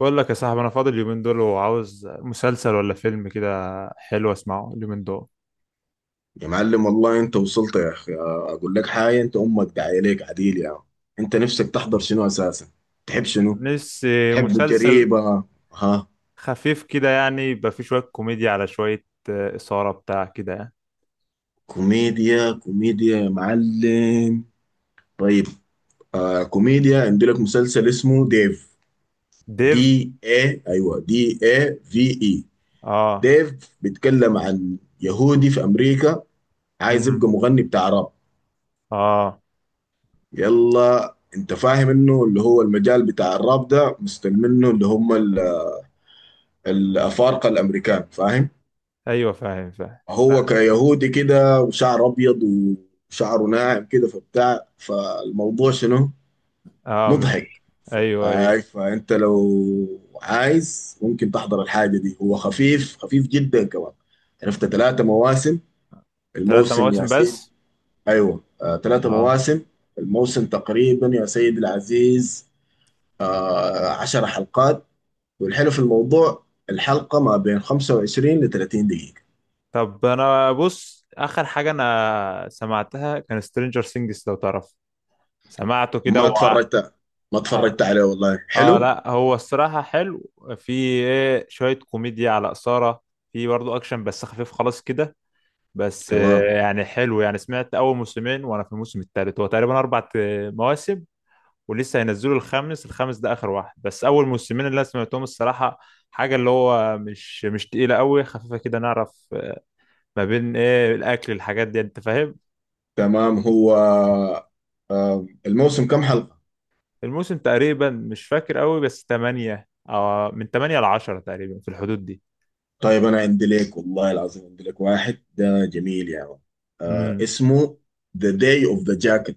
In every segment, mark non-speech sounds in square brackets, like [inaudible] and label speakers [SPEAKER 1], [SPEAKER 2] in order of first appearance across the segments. [SPEAKER 1] بقول لك يا صاحبي، انا فاضي اليومين دول وعاوز مسلسل ولا فيلم كده. حلو، اسمعه اليومين دول.
[SPEAKER 2] يا معلم والله انت وصلت يا اخي. اقول لك حاجه، انت امك داعيه ليك عديل يا عم. انت نفسك تحضر شنو اساسا؟ تحب شنو؟
[SPEAKER 1] نفسي
[SPEAKER 2] تحب
[SPEAKER 1] مسلسل.
[SPEAKER 2] الجريمه؟ ها؟
[SPEAKER 1] خفيف كده يعني، يبقى فيه شوية كوميديا على شوية إثارة بتاع كده يعني.
[SPEAKER 2] كوميديا كوميديا يا معلم. طيب. كوميديا، عندي لك مسلسل اسمه ديف.
[SPEAKER 1] ديف.
[SPEAKER 2] دي اي، ايوه، دي اي في اي.
[SPEAKER 1] اه.
[SPEAKER 2] ديف بيتكلم عن يهودي في امريكا، عايز
[SPEAKER 1] مم.
[SPEAKER 2] يبقى مغني بتاع راب.
[SPEAKER 1] اه.
[SPEAKER 2] يلا، انت فاهم انه اللي هو المجال بتاع الراب ده مستلمينه اللي هم الأفارقة الأمريكان، فاهم؟
[SPEAKER 1] ايوه، فاهم فاهم.
[SPEAKER 2] هو
[SPEAKER 1] لا.
[SPEAKER 2] كيهودي كده وشعر أبيض وشعره ناعم كده، فبتاع فالموضوع شنو؟
[SPEAKER 1] اه مش.
[SPEAKER 2] مضحك. ف-
[SPEAKER 1] ايوه ايوه.
[SPEAKER 2] آي، فأنت لو عايز ممكن تحضر الحاجة دي. هو خفيف خفيف جدا كمان. عرفت 3 مواسم،
[SPEAKER 1] ثلاثة
[SPEAKER 2] الموسم يا
[SPEAKER 1] مواسم
[SPEAKER 2] سيد.
[SPEAKER 1] بس.
[SPEAKER 2] أيوة، ثلاثة
[SPEAKER 1] اه.
[SPEAKER 2] مواسم الموسم تقريبا يا سيد العزيز، 10 حلقات. والحلو في الموضوع، الحلقة ما بين 25 ل 30 دقيقة.
[SPEAKER 1] طب انا بص اخر حاجة انا سمعتها كان سترينجر سينجز، لو تعرف. سمعته كده
[SPEAKER 2] ما اتفرجت ما اتفرجت عليه، والله
[SPEAKER 1] اه
[SPEAKER 2] حلو.
[SPEAKER 1] لا، هو الصراحة حلو. في ايه شوية كوميديا على إثارة، في برضه أكشن بس خفيف خلاص كده. بس
[SPEAKER 2] تمام،
[SPEAKER 1] يعني حلو يعني، سمعت أول موسمين وأنا في الموسم التالت. هو تقريبا أربع مواسم، ولسه هينزلوا الخامس. الخامس ده آخر واحد، بس أول موسمين اللي أنا سمعتهم الصراحة حاجة اللي هو مش تقيلة قوي، خفيفة كده نعرف ما بين ايه الأكل الحاجات دي، أنت فاهم.
[SPEAKER 2] تمام هو. الموسم كم حلقة؟
[SPEAKER 1] الموسم تقريبا، مش فاكر قوي، بس تمانية أو من تمانية لعشرة تقريبا في الحدود دي.
[SPEAKER 2] طيب، انا عندي لك والله العظيم، عندي لك واحد ده جميل يا يعني. آه
[SPEAKER 1] امم.
[SPEAKER 2] اسمه The Day of the Jackal.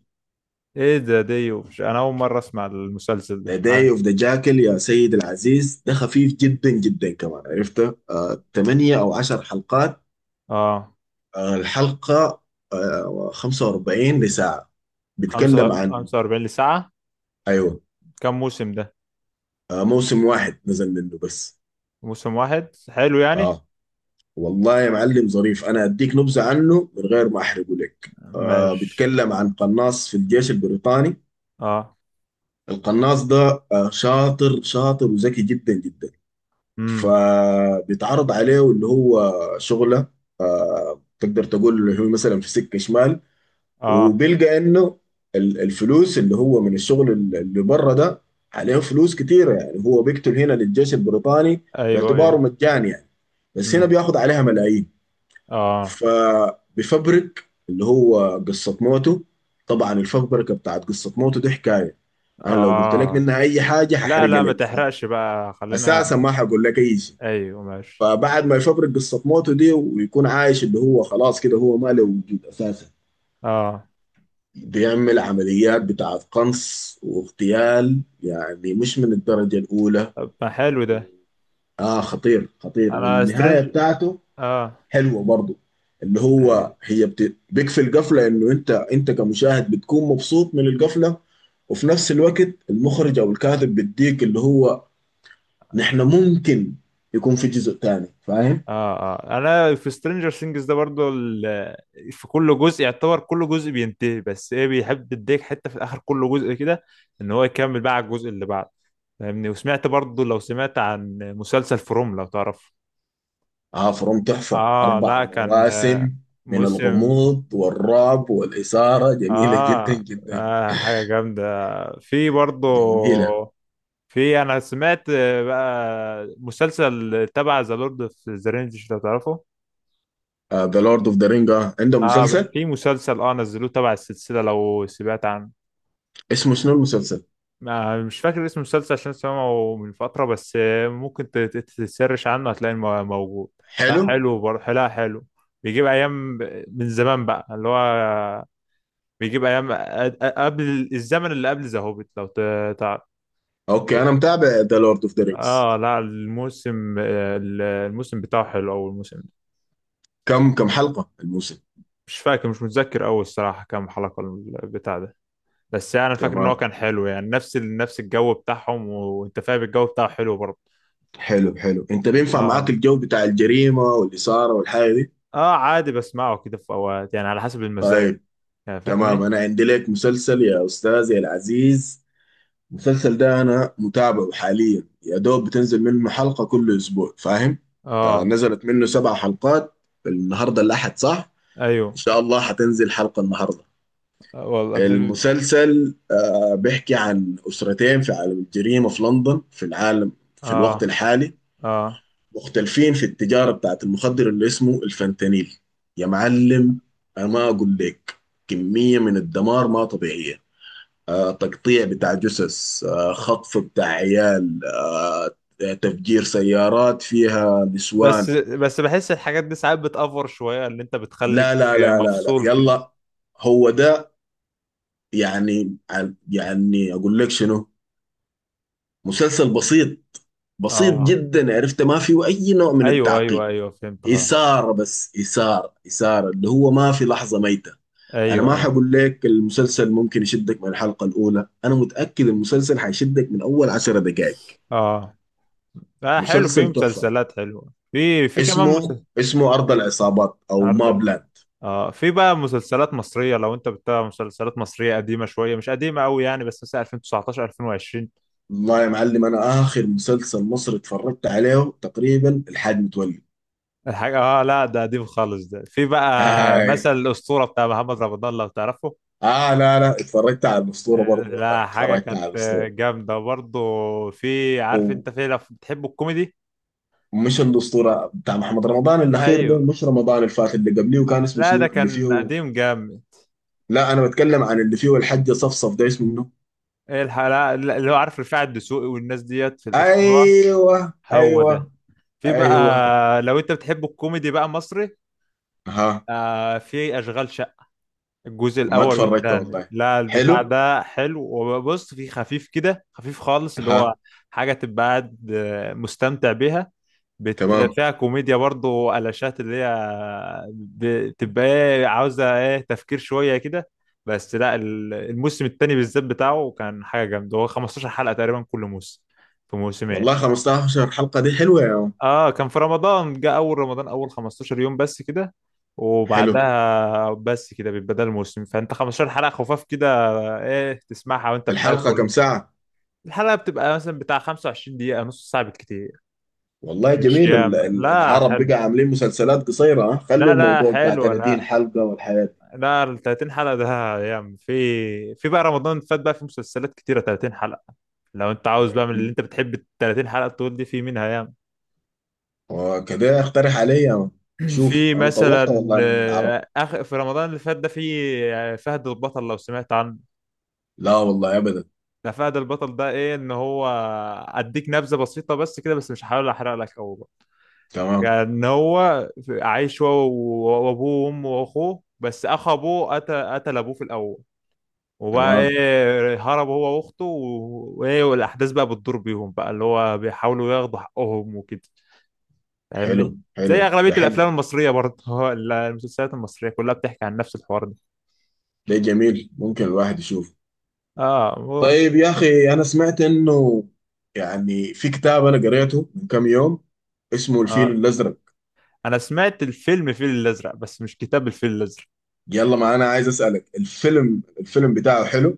[SPEAKER 1] ايه ده؟ دي ومش انا اول مره اسمع المسلسل ده.
[SPEAKER 2] The Day of the Jackal يا سيد العزيز، ده خفيف جدا جدا كمان، عرفته 8 او 10 حلقات.
[SPEAKER 1] اه.
[SPEAKER 2] الحلقة 45 لساعة.
[SPEAKER 1] خمسة
[SPEAKER 2] بيتكلم عن،
[SPEAKER 1] خمسة وأربعين لساعة.
[SPEAKER 2] ايوه،
[SPEAKER 1] كم موسم ده؟
[SPEAKER 2] موسم واحد نزل منه بس.
[SPEAKER 1] موسم واحد، حلو يعني.
[SPEAKER 2] اه. والله يا معلم ظريف، انا اديك نبذه عنه من غير ما احرقه لك.
[SPEAKER 1] ماشي.
[SPEAKER 2] بيتكلم عن قناص في الجيش البريطاني.
[SPEAKER 1] اه.
[SPEAKER 2] القناص ده شاطر شاطر وذكي جدا جدا.
[SPEAKER 1] امم.
[SPEAKER 2] فبيتعرض عليه اللي هو شغله، تقدر تقول اللي هو مثلا في سكه شمال،
[SPEAKER 1] اه.
[SPEAKER 2] وبيلقى انه الفلوس اللي هو من الشغل اللي بره ده عليه فلوس كتيره. يعني هو بيقتل هنا للجيش البريطاني
[SPEAKER 1] ايوه
[SPEAKER 2] باعتباره
[SPEAKER 1] ايوه.
[SPEAKER 2] مجاني يعني، بس هنا
[SPEAKER 1] امم.
[SPEAKER 2] بياخد عليها ملايين.
[SPEAKER 1] اه
[SPEAKER 2] فبيفبرك اللي هو قصة موته. طبعا الفبركة بتاعت قصة موته دي حكاية. أنا لو قلت لك
[SPEAKER 1] اه.
[SPEAKER 2] منها أي حاجة
[SPEAKER 1] لا
[SPEAKER 2] هحرقها
[SPEAKER 1] لا، ما
[SPEAKER 2] لك،
[SPEAKER 1] تحرقش بقى، خلينا.
[SPEAKER 2] فأساسا ما هقول لك أي شيء.
[SPEAKER 1] ايوه ماشي.
[SPEAKER 2] فبعد ما يفبرك قصة موته دي ويكون عايش، اللي هو خلاص كده هو ما له وجود أساسا،
[SPEAKER 1] اه.
[SPEAKER 2] بيعمل عمليات بتاعت قنص واغتيال، يعني مش من الدرجة الأولى.
[SPEAKER 1] طب ما حلو ده.
[SPEAKER 2] خطير خطير،
[SPEAKER 1] انا
[SPEAKER 2] والنهاية
[SPEAKER 1] سترينج
[SPEAKER 2] بتاعته
[SPEAKER 1] اه.
[SPEAKER 2] حلوه برضو. اللي هو
[SPEAKER 1] أيوة.
[SPEAKER 2] هي بيكفي القفله انه انت كمشاهد بتكون مبسوط من القفله. وفي نفس الوقت المخرج او الكاتب بيديك اللي هو نحن ممكن يكون في جزء تاني، فاهم؟
[SPEAKER 1] اه اه، انا في سترينجر سينجز ده برضو في كل جزء، يعتبر كل جزء بينتهي، بس ايه، بيحب يديك حته في اخر كل جزء كده، ان هو يكمل بقى على الجزء اللي بعده. فاهمني؟ وسمعت برضو، لو سمعت عن مسلسل فروم، لو تعرف.
[SPEAKER 2] اه فروم تحفه،
[SPEAKER 1] اه
[SPEAKER 2] اربع
[SPEAKER 1] لا، كان
[SPEAKER 2] مواسم من
[SPEAKER 1] موسم.
[SPEAKER 2] الغموض والرعب والاثاره، جميله جدا
[SPEAKER 1] آه,
[SPEAKER 2] جدا.
[SPEAKER 1] اه حاجه جامده. في برضو.
[SPEAKER 2] جميله.
[SPEAKER 1] في، انا سمعت بقى مسلسل تبع ذا لورد اوف ذا رينجز، لو تعرفه.
[SPEAKER 2] ذا لورد اوف ذا رينج، عندهم
[SPEAKER 1] اه
[SPEAKER 2] مسلسل
[SPEAKER 1] في مسلسل، نزلوه تبع السلسلة، لو سمعت عنه.
[SPEAKER 2] اسمه شنو المسلسل؟
[SPEAKER 1] ما مش فاكر اسم المسلسل، عشان سمعه من فترة، بس ممكن تسرش عنه، هتلاقيه موجود. لا
[SPEAKER 2] حلو.
[SPEAKER 1] حلو برضه، لا حلو. بيجيب أيام من زمان بقى، اللي هو بيجيب أيام قبل الزمن اللي قبل ذا هوبيت، لو تعرف.
[SPEAKER 2] اوكي، انا متابع ذا لورد اوف ذا رينجز.
[SPEAKER 1] اه لا، الموسم الموسم بتاعه حلو، أول موسم.
[SPEAKER 2] كم حلقه الموسم؟
[SPEAKER 1] مش فاكر، مش متذكر أوي الصراحة كام حلقة البتاع ده، بس يعني فاكر ان هو
[SPEAKER 2] تمام.
[SPEAKER 1] كان حلو يعني، نفس نفس الجو بتاعهم، وانت فاهم الجو بتاعه حلو برضه.
[SPEAKER 2] حلو حلو، انت بينفع معاك
[SPEAKER 1] اه.
[SPEAKER 2] الجو بتاع الجريمة والإثارة والحاجة دي؟
[SPEAKER 1] اه عادي، بسمعه كده في اوقات يعني، على حسب المزاج.
[SPEAKER 2] طيب.
[SPEAKER 1] يعني
[SPEAKER 2] تمام،
[SPEAKER 1] فاهمني.
[SPEAKER 2] انا عندي لك مسلسل يا استاذي العزيز. المسلسل ده انا متابعه حاليا، يا دوب بتنزل منه حلقة كل اسبوع، فاهم؟
[SPEAKER 1] اه.
[SPEAKER 2] نزلت منه 7 حلقات. النهارده الاحد صح؟ ان
[SPEAKER 1] ايوه.
[SPEAKER 2] شاء الله حتنزل حلقة النهارده.
[SPEAKER 1] والله بتبقى.
[SPEAKER 2] المسلسل بيحكي عن اسرتين في عالم الجريمة في لندن، في العالم في الوقت
[SPEAKER 1] اه.
[SPEAKER 2] الحالي،
[SPEAKER 1] اه،
[SPEAKER 2] مختلفين في التجارة بتاعت المخدر اللي اسمه الفentanyl يا معلم. أنا ما أقول لك، كمية من الدمار ما طبيعية. تقطيع بتاع جثث، خطف بتاع عيال، تفجير سيارات فيها
[SPEAKER 1] بس
[SPEAKER 2] نسوان.
[SPEAKER 1] بس بحس الحاجات دي ساعات بتأفور شوية، اللي انت بتخليك
[SPEAKER 2] لا لا لا لا لا،
[SPEAKER 1] مفصول كده.
[SPEAKER 2] يلا، هو ده. يعني أقول لك شنو، مسلسل بسيط، بسيط
[SPEAKER 1] اه
[SPEAKER 2] جدا، عرفت ما فيه أي نوع من
[SPEAKER 1] ايوه ايوه
[SPEAKER 2] التعقيد.
[SPEAKER 1] ايوه، فهمت اه.
[SPEAKER 2] إثارة، بس إثارة إثارة، اللي هو ما في لحظة ميتة. انا
[SPEAKER 1] ايوه
[SPEAKER 2] ما
[SPEAKER 1] ايوه.
[SPEAKER 2] حقول لك المسلسل ممكن يشدك من الحلقة الاولى، انا متأكد المسلسل حيشدك من اول 10 دقائق.
[SPEAKER 1] اه اه حلو، في
[SPEAKER 2] مسلسل تحفة،
[SPEAKER 1] مسلسلات حلوة. في كمان
[SPEAKER 2] اسمه
[SPEAKER 1] مسلسل.
[SPEAKER 2] اسمه ارض العصابات او مابلاند.
[SPEAKER 1] في بقى مسلسلات مصرية، لو انت بتتابع مسلسلات مصرية قديمة شوية، مش قديمة قوي يعني، بس مثلا 2019 2020.
[SPEAKER 2] والله يا معلم انا اخر مسلسل مصري اتفرجت عليه تقريبا الحاج متولي.
[SPEAKER 1] الحاجة اه، لا ده قديم خالص ده، في بقى
[SPEAKER 2] آه.
[SPEAKER 1] مثل الأسطورة بتاع محمد رمضان، لو تعرفه.
[SPEAKER 2] اه، لا لا، اتفرجت على الاسطورة برضه، والله
[SPEAKER 1] لا، حاجة
[SPEAKER 2] اتفرجت
[SPEAKER 1] كانت
[SPEAKER 2] على الاسطورة
[SPEAKER 1] جامدة برضه. في، عارف
[SPEAKER 2] ومش.
[SPEAKER 1] انت، في لو بتحب الكوميدي.
[SPEAKER 2] الاسطورة بتاع محمد رمضان الاخير، ده
[SPEAKER 1] ايوه.
[SPEAKER 2] مش رمضان اللي فات، اللي قبليه، وكان اسمه
[SPEAKER 1] لا، ده
[SPEAKER 2] شنو اللي
[SPEAKER 1] كان
[SPEAKER 2] فيه؟
[SPEAKER 1] قديم جامد.
[SPEAKER 2] لا، انا بتكلم عن اللي فيه الحجة صفصف، ده اسمه منه؟
[SPEAKER 1] ايه الحلقة اللي هو عارف، رفاعي الدسوقي والناس ديت في الأسطورة.
[SPEAKER 2] ايوه
[SPEAKER 1] هو
[SPEAKER 2] ايوه.
[SPEAKER 1] ده، في بقى
[SPEAKER 2] ايوه.
[SPEAKER 1] لو انت بتحب الكوميدي بقى مصري.
[SPEAKER 2] ها.
[SPEAKER 1] في أشغال، الجزء
[SPEAKER 2] ما
[SPEAKER 1] الاول
[SPEAKER 2] اتفرجت
[SPEAKER 1] والثاني،
[SPEAKER 2] والله.
[SPEAKER 1] لا البتاع
[SPEAKER 2] حلو.
[SPEAKER 1] ده حلو. وبص فيه خفيف كده، خفيف خالص، اللي هو
[SPEAKER 2] ها.
[SPEAKER 1] حاجه تبقى قاعد مستمتع بيها.
[SPEAKER 2] تمام.
[SPEAKER 1] فيها كوميديا برضه وقلاشات، اللي هي بتبقى ايه، عاوزه ايه، تفكير شويه كده. بس لا، الموسم الثاني بالذات بتاعه كان حاجه جامده. هو 15 حلقه تقريبا كل موسم، في موسمين.
[SPEAKER 2] والله 15 حلقة دي حلوة يا عم.
[SPEAKER 1] اه كان في رمضان جه، اول رمضان اول 15 يوم بس كده،
[SPEAKER 2] حلو.
[SPEAKER 1] وبعدها بس كده بيبقى ده الموسم، فانت 15 حلقة خفاف كده، ايه، تسمعها وانت
[SPEAKER 2] الحلقة كم
[SPEAKER 1] بتاكل.
[SPEAKER 2] ساعة؟
[SPEAKER 1] الحلقة بتبقى مثلا بتاع 25 دقيقة، نص ساعة بالكتير.
[SPEAKER 2] والله
[SPEAKER 1] مش
[SPEAKER 2] جميل،
[SPEAKER 1] ياما، لا
[SPEAKER 2] العرب
[SPEAKER 1] حلو.
[SPEAKER 2] بقى عاملين مسلسلات قصيرة، ها، خلوا
[SPEAKER 1] لا لا
[SPEAKER 2] الموضوع بتاع
[SPEAKER 1] حلو
[SPEAKER 2] 30
[SPEAKER 1] لا.
[SPEAKER 2] حلقة والحياة دي.
[SPEAKER 1] لا، ال 30 حلقة ده ياما، في بقى رمضان فات، بقى في مسلسلات كتيرة 30 حلقة. لو انت عاوز بقى من اللي
[SPEAKER 2] مم.
[SPEAKER 1] انت بتحب ال 30 حلقة طول دي، في منها.
[SPEAKER 2] وكده اقترح علي يا عم.
[SPEAKER 1] في
[SPEAKER 2] شوف انا طولت
[SPEAKER 1] مثلا
[SPEAKER 2] والله من العرب.
[SPEAKER 1] آخر في رمضان اللي فات ده، في فهد البطل، لو سمعت عنه.
[SPEAKER 2] لا والله ابدا.
[SPEAKER 1] ده فهد البطل ده ايه؟ ان هو، اديك نبذه بسيطه بس كده، بس مش هحاول احرق لك قوي بقى.
[SPEAKER 2] تمام
[SPEAKER 1] يعني ان هو عايش هو وابوه وامه واخوه، بس اخ ابوه قتل ابوه في الاول، وبقى
[SPEAKER 2] تمام.
[SPEAKER 1] ايه، هرب هو واخته وايه، والاحداث بقى بتدور بيهم بقى، اللي هو بيحاولوا ياخدوا حقهم وكده.
[SPEAKER 2] حلو
[SPEAKER 1] فاهمني. زي
[SPEAKER 2] حلو.
[SPEAKER 1] اغلبيه
[SPEAKER 2] ده حلو.
[SPEAKER 1] الافلام المصريه برضه [laughs] المسلسلات المصريه كلها بتحكي عن نفس الحوار ده.
[SPEAKER 2] ده جميل، ممكن الواحد يشوفه.
[SPEAKER 1] اه
[SPEAKER 2] طيب يا أخي، أنا سمعت إنه يعني في كتاب أنا قريته من كم يوم، اسمه الفيل
[SPEAKER 1] آه
[SPEAKER 2] الأزرق.
[SPEAKER 1] انا سمعت الفيلم الفيل الازرق، بس مش كتاب الفيل الازرق.
[SPEAKER 2] يلا، ما أنا عايز أسألك الفيلم، بتاعه حلو؟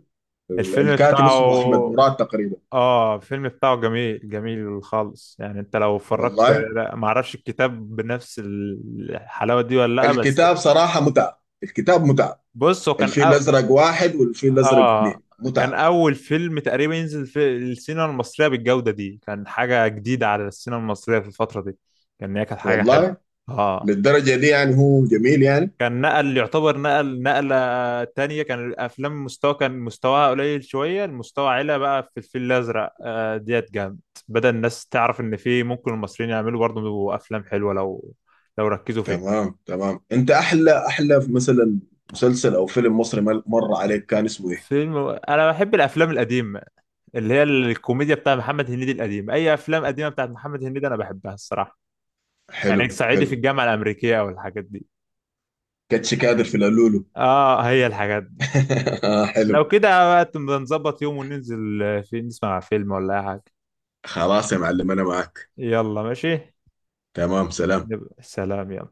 [SPEAKER 1] الفيلم
[SPEAKER 2] الكاتب اسمه أحمد
[SPEAKER 1] بتاعه،
[SPEAKER 2] مراد تقريبا.
[SPEAKER 1] اه الفيلم بتاعه جميل، جميل خالص يعني، انت لو اتفرجت.
[SPEAKER 2] والله.
[SPEAKER 1] لا، ما اعرفش الكتاب بنفس الحلاوة دي ولا لا، بس
[SPEAKER 2] الكتاب صراحة متعة، الكتاب متعة.
[SPEAKER 1] بص هو كان
[SPEAKER 2] الفيل الأزرق واحد والفيل الأزرق
[SPEAKER 1] اه
[SPEAKER 2] اثنين
[SPEAKER 1] كان
[SPEAKER 2] متعة.
[SPEAKER 1] اول فيلم تقريبا ينزل في السينما المصرية بالجودة دي. كان حاجة جديدة على السينما المصرية في الفترة دي، كان هي كانت حاجة حلوة.
[SPEAKER 2] والله،
[SPEAKER 1] اه.
[SPEAKER 2] للدرجة دي يعني، هو جميل يعني.
[SPEAKER 1] كان نقل يعتبر نقلة تانية. كان الأفلام المستوى، كان مستواها قليل شوية، المستوى علا بقى في الفيل الأزرق ديت جامد. بدأ الناس تعرف إن في ممكن المصريين يعملوا برضه أفلام حلوة لو ركزوا فيها.
[SPEAKER 2] تمام تمام. أنت أحلى، أحلى مثلا مسلسل أو فيلم مصري مر عليك كان اسمه إيه؟
[SPEAKER 1] فيلم. أنا بحب الأفلام القديمة، اللي هي الكوميديا بتاع محمد هنيدي القديم، أي أفلام قديمة بتاعت محمد هنيدي أنا بحبها الصراحة.
[SPEAKER 2] حلو
[SPEAKER 1] يعني صعيدي
[SPEAKER 2] حلو.
[SPEAKER 1] في الجامعة الأمريكية أو الحاجات دي.
[SPEAKER 2] كاتش كادر في القلولو.
[SPEAKER 1] هي الحاجات دي.
[SPEAKER 2] [laughs] حلو.
[SPEAKER 1] لو كده بقى، نظبط يوم وننزل في نسمع فيلم ولا أي حاجة.
[SPEAKER 2] خلاص يا معلم انا معك.
[SPEAKER 1] يلا ماشي.
[SPEAKER 2] تمام، سلام.
[SPEAKER 1] سلام يا